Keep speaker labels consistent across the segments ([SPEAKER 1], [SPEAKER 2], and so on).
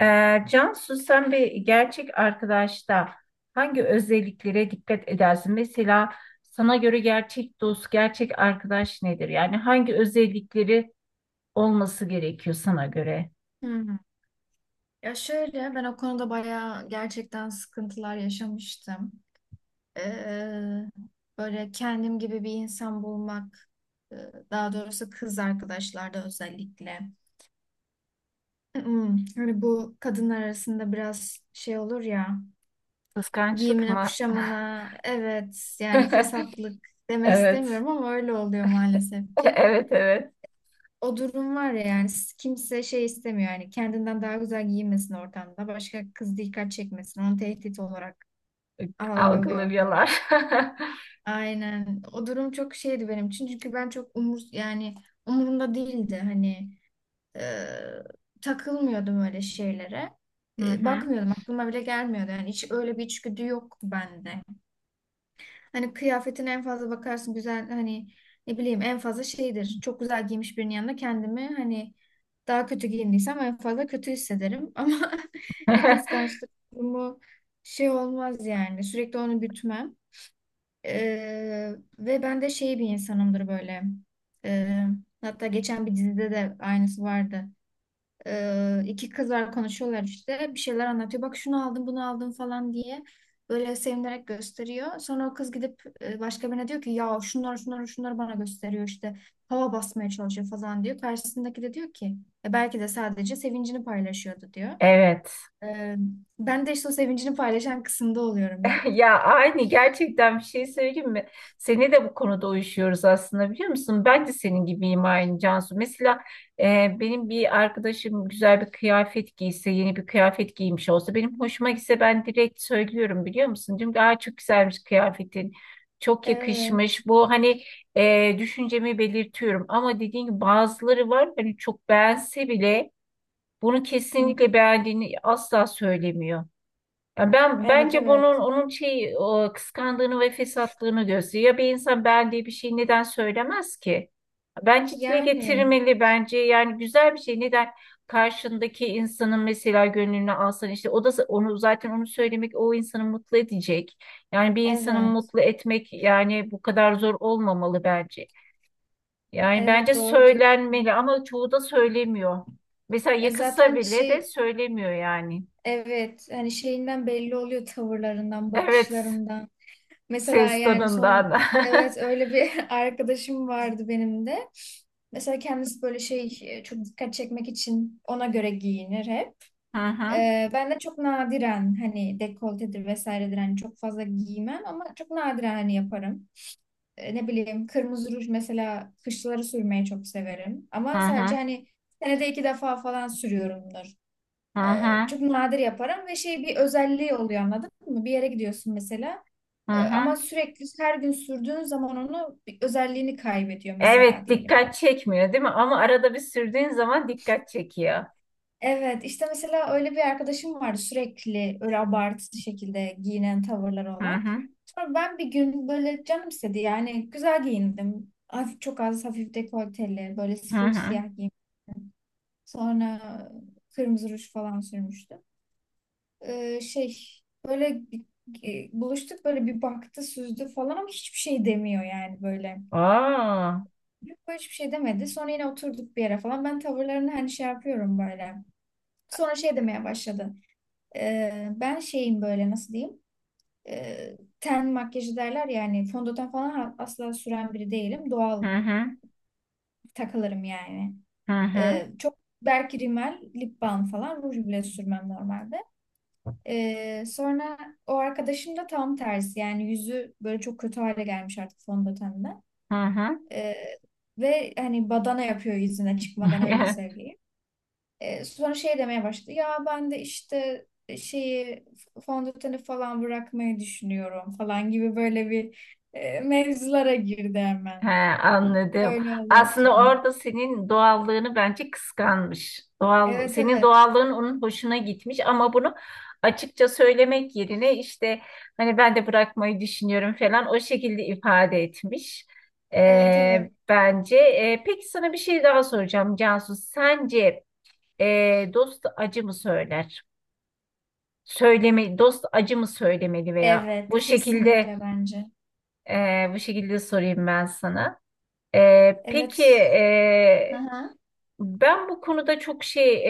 [SPEAKER 1] Cansu, sen bir gerçek arkadaşta hangi özelliklere dikkat edersin? Mesela sana göre gerçek dost, gerçek arkadaş nedir? Yani hangi özellikleri olması gerekiyor sana göre?
[SPEAKER 2] Hmm. Ya şöyle ben o konuda bayağı gerçekten sıkıntılar yaşamıştım. Ee, böyle kendim gibi bir insan bulmak, e, daha doğrusu kız arkadaşlarda özellikle. Hani bu kadınlar arasında biraz şey olur ya,
[SPEAKER 1] Kıskançlık
[SPEAKER 2] giyimine
[SPEAKER 1] mı?
[SPEAKER 2] kuşamına, evet yani fesatlık demek
[SPEAKER 1] Evet.
[SPEAKER 2] istemiyorum ama öyle oluyor maalesef ki.
[SPEAKER 1] Evet, evet,
[SPEAKER 2] O durum var ya, yani kimse şey istemiyor, yani kendinden daha güzel giyinmesin ortamda, başka kız dikkat çekmesin, onu tehdit olarak algılıyor
[SPEAKER 1] algılıyorlar.
[SPEAKER 2] falan. Aynen o durum çok şeydi benim için çünkü ben çok umur yani umurumda değildi, hani e, takılmıyordum öyle şeylere.
[SPEAKER 1] Hı
[SPEAKER 2] E,
[SPEAKER 1] hı.
[SPEAKER 2] bakmıyordum aklıma bile gelmiyordu. Yani hiç öyle bir içgüdü yok bende. Hani kıyafetine en fazla bakarsın, güzel hani ne bileyim en fazla şeydir. Çok güzel giymiş birinin yanında kendimi hani daha kötü giyindiysem en fazla kötü hissederim. Ama bir kıskançlık durumu şey olmaz yani. Sürekli onu gütmem. E, ve ben de şey bir insanımdır böyle. E, hatta geçen bir dizide de aynısı vardı. İki kız var, konuşuyorlar işte. Bir şeyler anlatıyor. Bak şunu aldım, bunu aldım falan diye. Böyle sevinerek gösteriyor. Sonra o kız gidip başka birine diyor ki ya şunları şunları şunları bana gösteriyor işte. Hava basmaya çalışıyor falan diyor. Karşısındaki de diyor ki: "Belki de sadece sevincini paylaşıyordu," diyor.
[SPEAKER 1] Evet.
[SPEAKER 2] Ee, ben de işte o sevincini paylaşan kısımda oluyorum hep.
[SPEAKER 1] Ya aynı, gerçekten bir şey söyleyeyim mi? Seni de bu konuda uyuşuyoruz aslında, biliyor musun? Ben de senin gibiyim aynı Cansu. Mesela benim bir arkadaşım güzel bir kıyafet giyse, yeni bir kıyafet giymiş olsa benim hoşuma gitse, ben direkt söylüyorum biliyor musun? Diyorum ki "Aa, çok güzelmiş kıyafetin. Çok
[SPEAKER 2] Evet.
[SPEAKER 1] yakışmış." Bu hani düşüncemi belirtiyorum. Ama dediğin gibi bazıları var, hani çok beğense bile bunu
[SPEAKER 2] Hı.
[SPEAKER 1] kesinlikle beğendiğini asla söylemiyor. Ya ben
[SPEAKER 2] Evet,
[SPEAKER 1] bence bunun,
[SPEAKER 2] evet.
[SPEAKER 1] onun şey, o kıskandığını ve fesatlığını gösteriyor. Ya bir insan ben diye bir şey neden söylemez ki? Bence dile
[SPEAKER 2] Yani
[SPEAKER 1] getirmeli, bence yani güzel bir şey. Neden karşındaki insanın mesela gönlünü alsan, işte o da onu, zaten onu söylemek o insanı mutlu edecek. Yani bir insanı
[SPEAKER 2] evet.
[SPEAKER 1] mutlu etmek yani bu kadar zor olmamalı bence. Yani
[SPEAKER 2] Evet,
[SPEAKER 1] bence
[SPEAKER 2] doğru diyorsun.
[SPEAKER 1] söylenmeli ama çoğu da söylemiyor. Mesela
[SPEAKER 2] E
[SPEAKER 1] yakışsa
[SPEAKER 2] zaten
[SPEAKER 1] bile de
[SPEAKER 2] şey.
[SPEAKER 1] söylemiyor yani.
[SPEAKER 2] Evet, hani şeyinden belli oluyor, tavırlarından,
[SPEAKER 1] Evet.
[SPEAKER 2] bakışlarından. Mesela
[SPEAKER 1] Ses
[SPEAKER 2] yani
[SPEAKER 1] tonundan.
[SPEAKER 2] son evet öyle bir arkadaşım vardı benim de. Mesela kendisi böyle şey çok dikkat çekmek için ona göre giyinir hep.
[SPEAKER 1] Hı hı,
[SPEAKER 2] Ben de çok nadiren hani dekoltedir vesairedir hani çok fazla giymem ama çok nadiren hani yaparım. Ne bileyim kırmızı ruj mesela kışları sürmeyi çok severim.
[SPEAKER 1] hı
[SPEAKER 2] Ama sadece
[SPEAKER 1] hı,
[SPEAKER 2] hani senede iki defa falan sürüyorumdur.
[SPEAKER 1] hı
[SPEAKER 2] Ee,
[SPEAKER 1] hı,
[SPEAKER 2] çok nadir yaparım ve şey bir özelliği oluyor, anladın mı? Bir yere gidiyorsun mesela
[SPEAKER 1] hı
[SPEAKER 2] ama
[SPEAKER 1] hı.
[SPEAKER 2] sürekli her gün sürdüğün zaman onu bir özelliğini kaybediyor mesela
[SPEAKER 1] Evet,
[SPEAKER 2] diyelim.
[SPEAKER 1] dikkat çekmiyor değil mi? Ama arada bir sürdüğün zaman dikkat çekiyor.
[SPEAKER 2] Evet, işte mesela öyle bir arkadaşım vardı, sürekli öyle abartılı şekilde giyinen, tavırları
[SPEAKER 1] Hı
[SPEAKER 2] olan.
[SPEAKER 1] hı,
[SPEAKER 2] Sonra ben bir gün böyle canım istedi, yani güzel giyindim. Hafif, çok az hafif dekolteli, böyle
[SPEAKER 1] hı
[SPEAKER 2] full
[SPEAKER 1] hı.
[SPEAKER 2] siyah giyim. Sonra kırmızı ruj falan sürmüştüm. Şey böyle buluştuk, böyle bir baktı, süzdü falan ama hiçbir şey demiyor yani böyle.
[SPEAKER 1] Aa,
[SPEAKER 2] Yok, böyle hiçbir şey demedi. Sonra yine oturduk bir yere falan. Ben tavırlarını hani şey yapıyorum böyle. Sonra şey demeye başladı. Ben şeyim, böyle nasıl diyeyim? Ten makyajı derler, yani fondöten falan asla süren biri değilim.
[SPEAKER 1] hı
[SPEAKER 2] Doğal
[SPEAKER 1] hı,
[SPEAKER 2] takılırım yani.
[SPEAKER 1] hı hı,
[SPEAKER 2] Çok belki rimel, lip balm falan, ruj bile sürmem normalde. Sonra o arkadaşım da tam tersi, yani yüzü böyle çok kötü hale gelmiş artık fondötenden.
[SPEAKER 1] hı hı.
[SPEAKER 2] Ee, ve hani badana yapıyor yüzüne, çıkmadan öyle söyleyeyim. Sonra şey demeye başladı ya, ben de işte şeyi, fondöteni falan bırakmayı düşünüyorum falan gibi böyle bir mevzulara girdi
[SPEAKER 1] He,
[SPEAKER 2] hemen.
[SPEAKER 1] anladım.
[SPEAKER 2] Öyle olunca.
[SPEAKER 1] Aslında orada senin doğallığını bence kıskanmış. Doğal,
[SPEAKER 2] Evet,
[SPEAKER 1] senin
[SPEAKER 2] evet.
[SPEAKER 1] doğallığın onun hoşuna gitmiş ama bunu açıkça söylemek yerine işte hani ben de bırakmayı düşünüyorum falan o şekilde ifade etmiş.
[SPEAKER 2] Evet, evet.
[SPEAKER 1] Bence. Peki sana bir şey daha soracağım Cansu. Sence dost acı mı söyler? Söyleme, dost acı mı söylemeli veya
[SPEAKER 2] Evet,
[SPEAKER 1] bu şekilde
[SPEAKER 2] kesinlikle bence.
[SPEAKER 1] bu şekilde sorayım ben sana. Peki,
[SPEAKER 2] Evet. Aha.
[SPEAKER 1] ben bu konuda çok şey,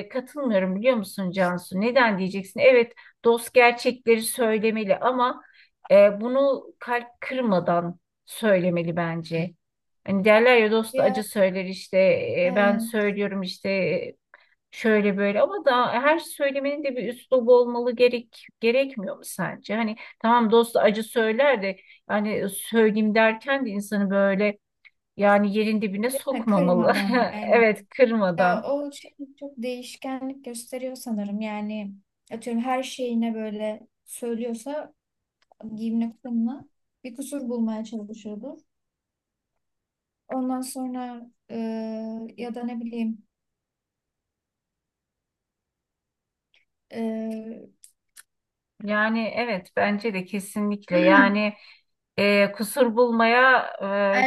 [SPEAKER 1] katılmıyorum biliyor musun Cansu? Neden diyeceksin? Evet, dost gerçekleri söylemeli ama bunu kalp kırmadan söylemeli bence. Hani derler ya dost
[SPEAKER 2] Ya
[SPEAKER 1] acı söyler işte, ben
[SPEAKER 2] evet.
[SPEAKER 1] söylüyorum işte, şöyle böyle ama da her söylemenin de bir üslubu olmalı, gerek, gerekmiyor mu sence? Hani tamam dost acı söyler de hani söyleyeyim derken de insanı böyle yani yerin dibine
[SPEAKER 2] Ha,
[SPEAKER 1] sokmamalı.
[SPEAKER 2] kırmadan aynen.
[SPEAKER 1] Evet,
[SPEAKER 2] Ya
[SPEAKER 1] kırmadan.
[SPEAKER 2] o şey çok değişkenlik gösteriyor sanırım. Yani atıyorum her şeyine böyle söylüyorsa, giyimine kuşamına, bir kusur bulmaya çalışıyordur. Ondan sonra ya da ne bileyim e,
[SPEAKER 1] Yani evet, bence de kesinlikle. Yani kusur bulmaya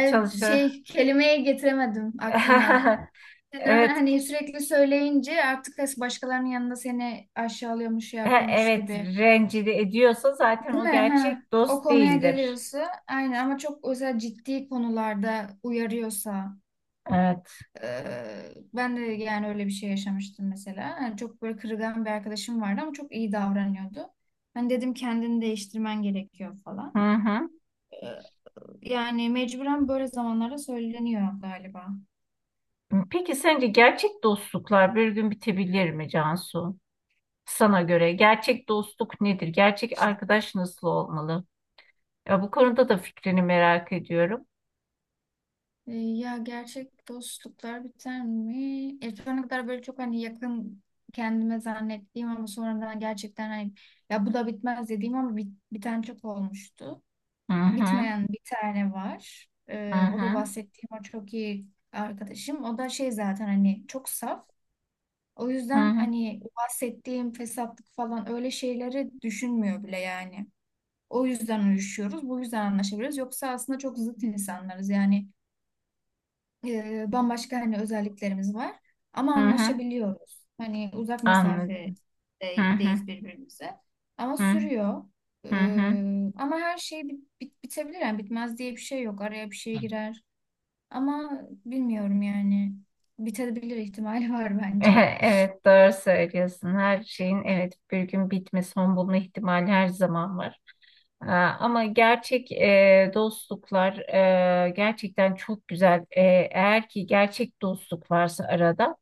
[SPEAKER 1] çalışa.
[SPEAKER 2] şey kelimeye getiremedim aklıma. Yani
[SPEAKER 1] Evet,
[SPEAKER 2] hani sürekli söyleyince artık başkalarının yanında seni aşağılıyormuş, şey
[SPEAKER 1] ha,
[SPEAKER 2] yapıyormuş
[SPEAKER 1] evet,
[SPEAKER 2] gibi.
[SPEAKER 1] rencide ediyorsa zaten
[SPEAKER 2] Değil
[SPEAKER 1] o
[SPEAKER 2] mi? Ha.
[SPEAKER 1] gerçek
[SPEAKER 2] O
[SPEAKER 1] dost
[SPEAKER 2] konuya
[SPEAKER 1] değildir.
[SPEAKER 2] geliyorsa aynen, ama çok özel ciddi konularda uyarıyorsa,
[SPEAKER 1] Evet.
[SPEAKER 2] e, ben de yani öyle bir şey yaşamıştım mesela. Yani çok böyle kırılgan bir arkadaşım vardı ama çok iyi davranıyordu. Ben dedim kendini değiştirmen gerekiyor falan.
[SPEAKER 1] Hı hı.
[SPEAKER 2] E, yani mecburen böyle zamanlarda söyleniyor galiba.
[SPEAKER 1] Peki sence gerçek dostluklar bir gün bitebilir mi Cansu? Sana göre gerçek dostluk nedir? Gerçek arkadaş nasıl olmalı? Ya bu konuda da fikrini merak ediyorum.
[SPEAKER 2] Ya gerçek dostluklar biter mi? Şu ana kadar böyle çok hani yakın kendime zannettiğim ama sonradan gerçekten hani ya bu da bitmez dediğim ama biten çok olmuştu.
[SPEAKER 1] Hı hı.
[SPEAKER 2] Bitmeyen bir tane var.
[SPEAKER 1] Hı
[SPEAKER 2] O da
[SPEAKER 1] hı.
[SPEAKER 2] bahsettiğim o çok iyi arkadaşım. O da şey zaten hani çok saf. O
[SPEAKER 1] Hı
[SPEAKER 2] yüzden
[SPEAKER 1] hı,
[SPEAKER 2] hani o bahsettiğim fesatlık falan öyle şeyleri düşünmüyor bile yani. O yüzden uyuşuyoruz. Bu yüzden anlaşabiliriz. Yoksa aslında çok zıt insanlarız yani bambaşka hani özelliklerimiz var ama
[SPEAKER 1] hı hı.
[SPEAKER 2] anlaşabiliyoruz. Hani uzak
[SPEAKER 1] Anladım. Hı hı,
[SPEAKER 2] mesafedeyiz birbirimize ama
[SPEAKER 1] hı
[SPEAKER 2] sürüyor.
[SPEAKER 1] hı. Hı.
[SPEAKER 2] Ama her şey bitebilir yani bitmez diye bir şey yok. Araya bir şey girer ama bilmiyorum yani bitebilir ihtimali var bence.
[SPEAKER 1] Evet, doğru söylüyorsun. Her şeyin evet bir gün bitme, son bulma ihtimali her zaman var. Aa, ama gerçek dostluklar gerçekten çok güzel. Eğer ki gerçek dostluk varsa arada.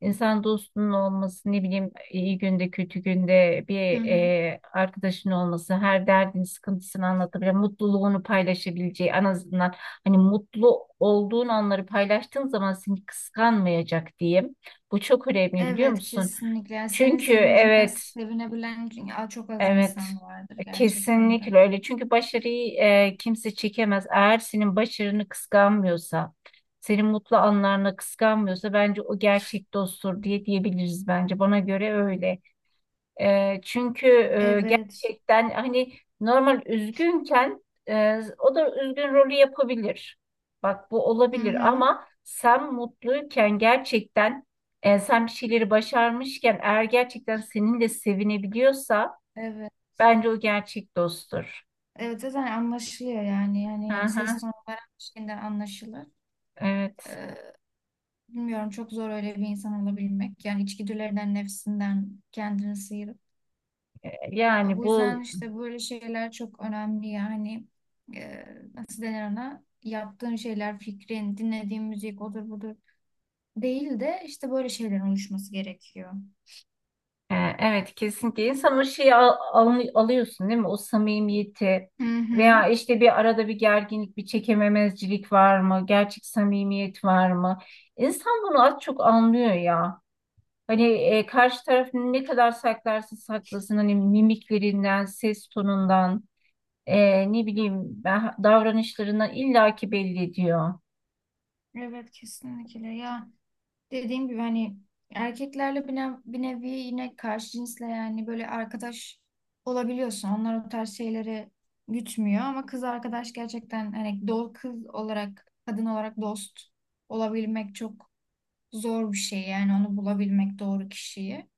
[SPEAKER 1] İnsan dostunun olması, ne bileyim, iyi günde kötü günde bir
[SPEAKER 2] Hı hı.
[SPEAKER 1] arkadaşın olması, her derdini sıkıntısını anlatabilen, mutluluğunu paylaşabileceği, en azından hani mutlu olduğun anları paylaştığın zaman seni kıskanmayacak diyeyim. Bu çok önemli biliyor
[SPEAKER 2] Evet,
[SPEAKER 1] musun?
[SPEAKER 2] kesinlikle. Yani senin
[SPEAKER 1] Çünkü
[SPEAKER 2] sevincine
[SPEAKER 1] evet.
[SPEAKER 2] sevinebilen çok az
[SPEAKER 1] Evet,
[SPEAKER 2] insan vardır gerçekten de.
[SPEAKER 1] kesinlikle öyle. Çünkü başarıyı kimse çekemez. Eğer senin başarını kıskanmıyorsa, senin mutlu anlarını kıskanmıyorsa bence o gerçek dosttur diye diyebiliriz bence. Bana göre öyle. Çünkü
[SPEAKER 2] Evet.
[SPEAKER 1] gerçekten hani normal üzgünken, o da üzgün rolü yapabilir. Bak, bu
[SPEAKER 2] Hı
[SPEAKER 1] olabilir
[SPEAKER 2] hı.
[SPEAKER 1] ama sen mutluyken gerçekten sen bir şeyleri başarmışken eğer gerçekten seninle sevinebiliyorsa
[SPEAKER 2] Evet.
[SPEAKER 1] bence o gerçek dosttur.
[SPEAKER 2] Evet, zaten anlaşılıyor yani.
[SPEAKER 1] Hı
[SPEAKER 2] Yani ses
[SPEAKER 1] hı,
[SPEAKER 2] tonu veren bir şeyinden anlaşılır.
[SPEAKER 1] evet.
[SPEAKER 2] Ee, bilmiyorum çok zor öyle bir insan olabilmek. Yani içgüdülerinden, nefsinden kendini sıyırıp. E,
[SPEAKER 1] Yani
[SPEAKER 2] Bu
[SPEAKER 1] bu
[SPEAKER 2] yüzden işte böyle şeyler çok önemli yani. E, nasıl denir ona? Yaptığın şeyler, fikrin, dinlediğin müzik odur budur. Değil de işte böyle şeylerin oluşması gerekiyor.
[SPEAKER 1] evet, kesinlikle insan o şeyi alıyorsun değil mi? O samimiyeti
[SPEAKER 2] Hı hı.
[SPEAKER 1] veya işte bir arada bir gerginlik, bir çekememezcilik var mı? Gerçek samimiyet var mı? İnsan bunu az çok anlıyor ya. Hani karşı taraf ne kadar saklarsa saklasın hani mimiklerinden, ses tonundan, ne bileyim ben davranışlarından illaki belli ediyor.
[SPEAKER 2] Evet, kesinlikle ya. Dediğim gibi hani erkeklerle bir nevi yine karşı cinsle yani böyle arkadaş olabiliyorsun. Onlar o tarz şeyleri gütmüyor ama kız arkadaş gerçekten hani kız olarak kadın olarak dost olabilmek çok zor bir şey yani onu bulabilmek doğru kişiyi.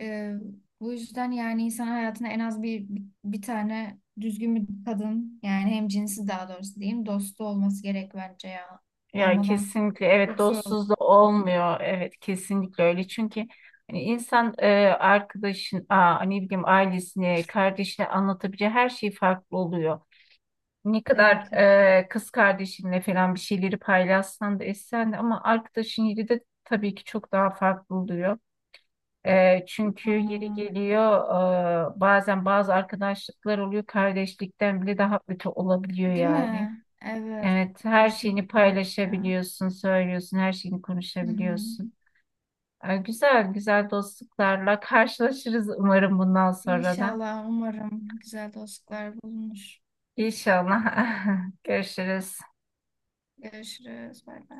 [SPEAKER 2] Ee, bu yüzden yani insan hayatına en az bir tane düzgün bir kadın yani hem cinsi daha doğrusu diyeyim dostu olması gerek bence ya.
[SPEAKER 1] Ya
[SPEAKER 2] Olmadan
[SPEAKER 1] kesinlikle evet,
[SPEAKER 2] çok zor olur.
[SPEAKER 1] dostsuz da olmuyor, evet kesinlikle öyle çünkü hani insan arkadaşın, aa, ne bileyim, ailesine kardeşine anlatabileceği her şey farklı oluyor. Ne
[SPEAKER 2] Evet.
[SPEAKER 1] kadar
[SPEAKER 2] Evet.
[SPEAKER 1] kız kardeşinle falan bir şeyleri paylaşsan da, etsen de, ama arkadaşın yeri de tabii ki çok daha farklı oluyor. Çünkü yeri
[SPEAKER 2] Aynen.
[SPEAKER 1] geliyor bazen bazı arkadaşlıklar oluyor kardeşlikten bile daha kötü olabiliyor
[SPEAKER 2] Değil
[SPEAKER 1] yani.
[SPEAKER 2] mi? Evet,
[SPEAKER 1] Evet, her şeyini
[SPEAKER 2] kesinlikle öyle ya.
[SPEAKER 1] paylaşabiliyorsun, söylüyorsun, her şeyini
[SPEAKER 2] Hı hı.
[SPEAKER 1] konuşabiliyorsun. Güzel, güzel dostluklarla karşılaşırız umarım bundan sonra da.
[SPEAKER 2] İnşallah, umarım güzel dostluklar bulunur.
[SPEAKER 1] İnşallah. Görüşürüz.
[SPEAKER 2] Görüşürüz, bay bay.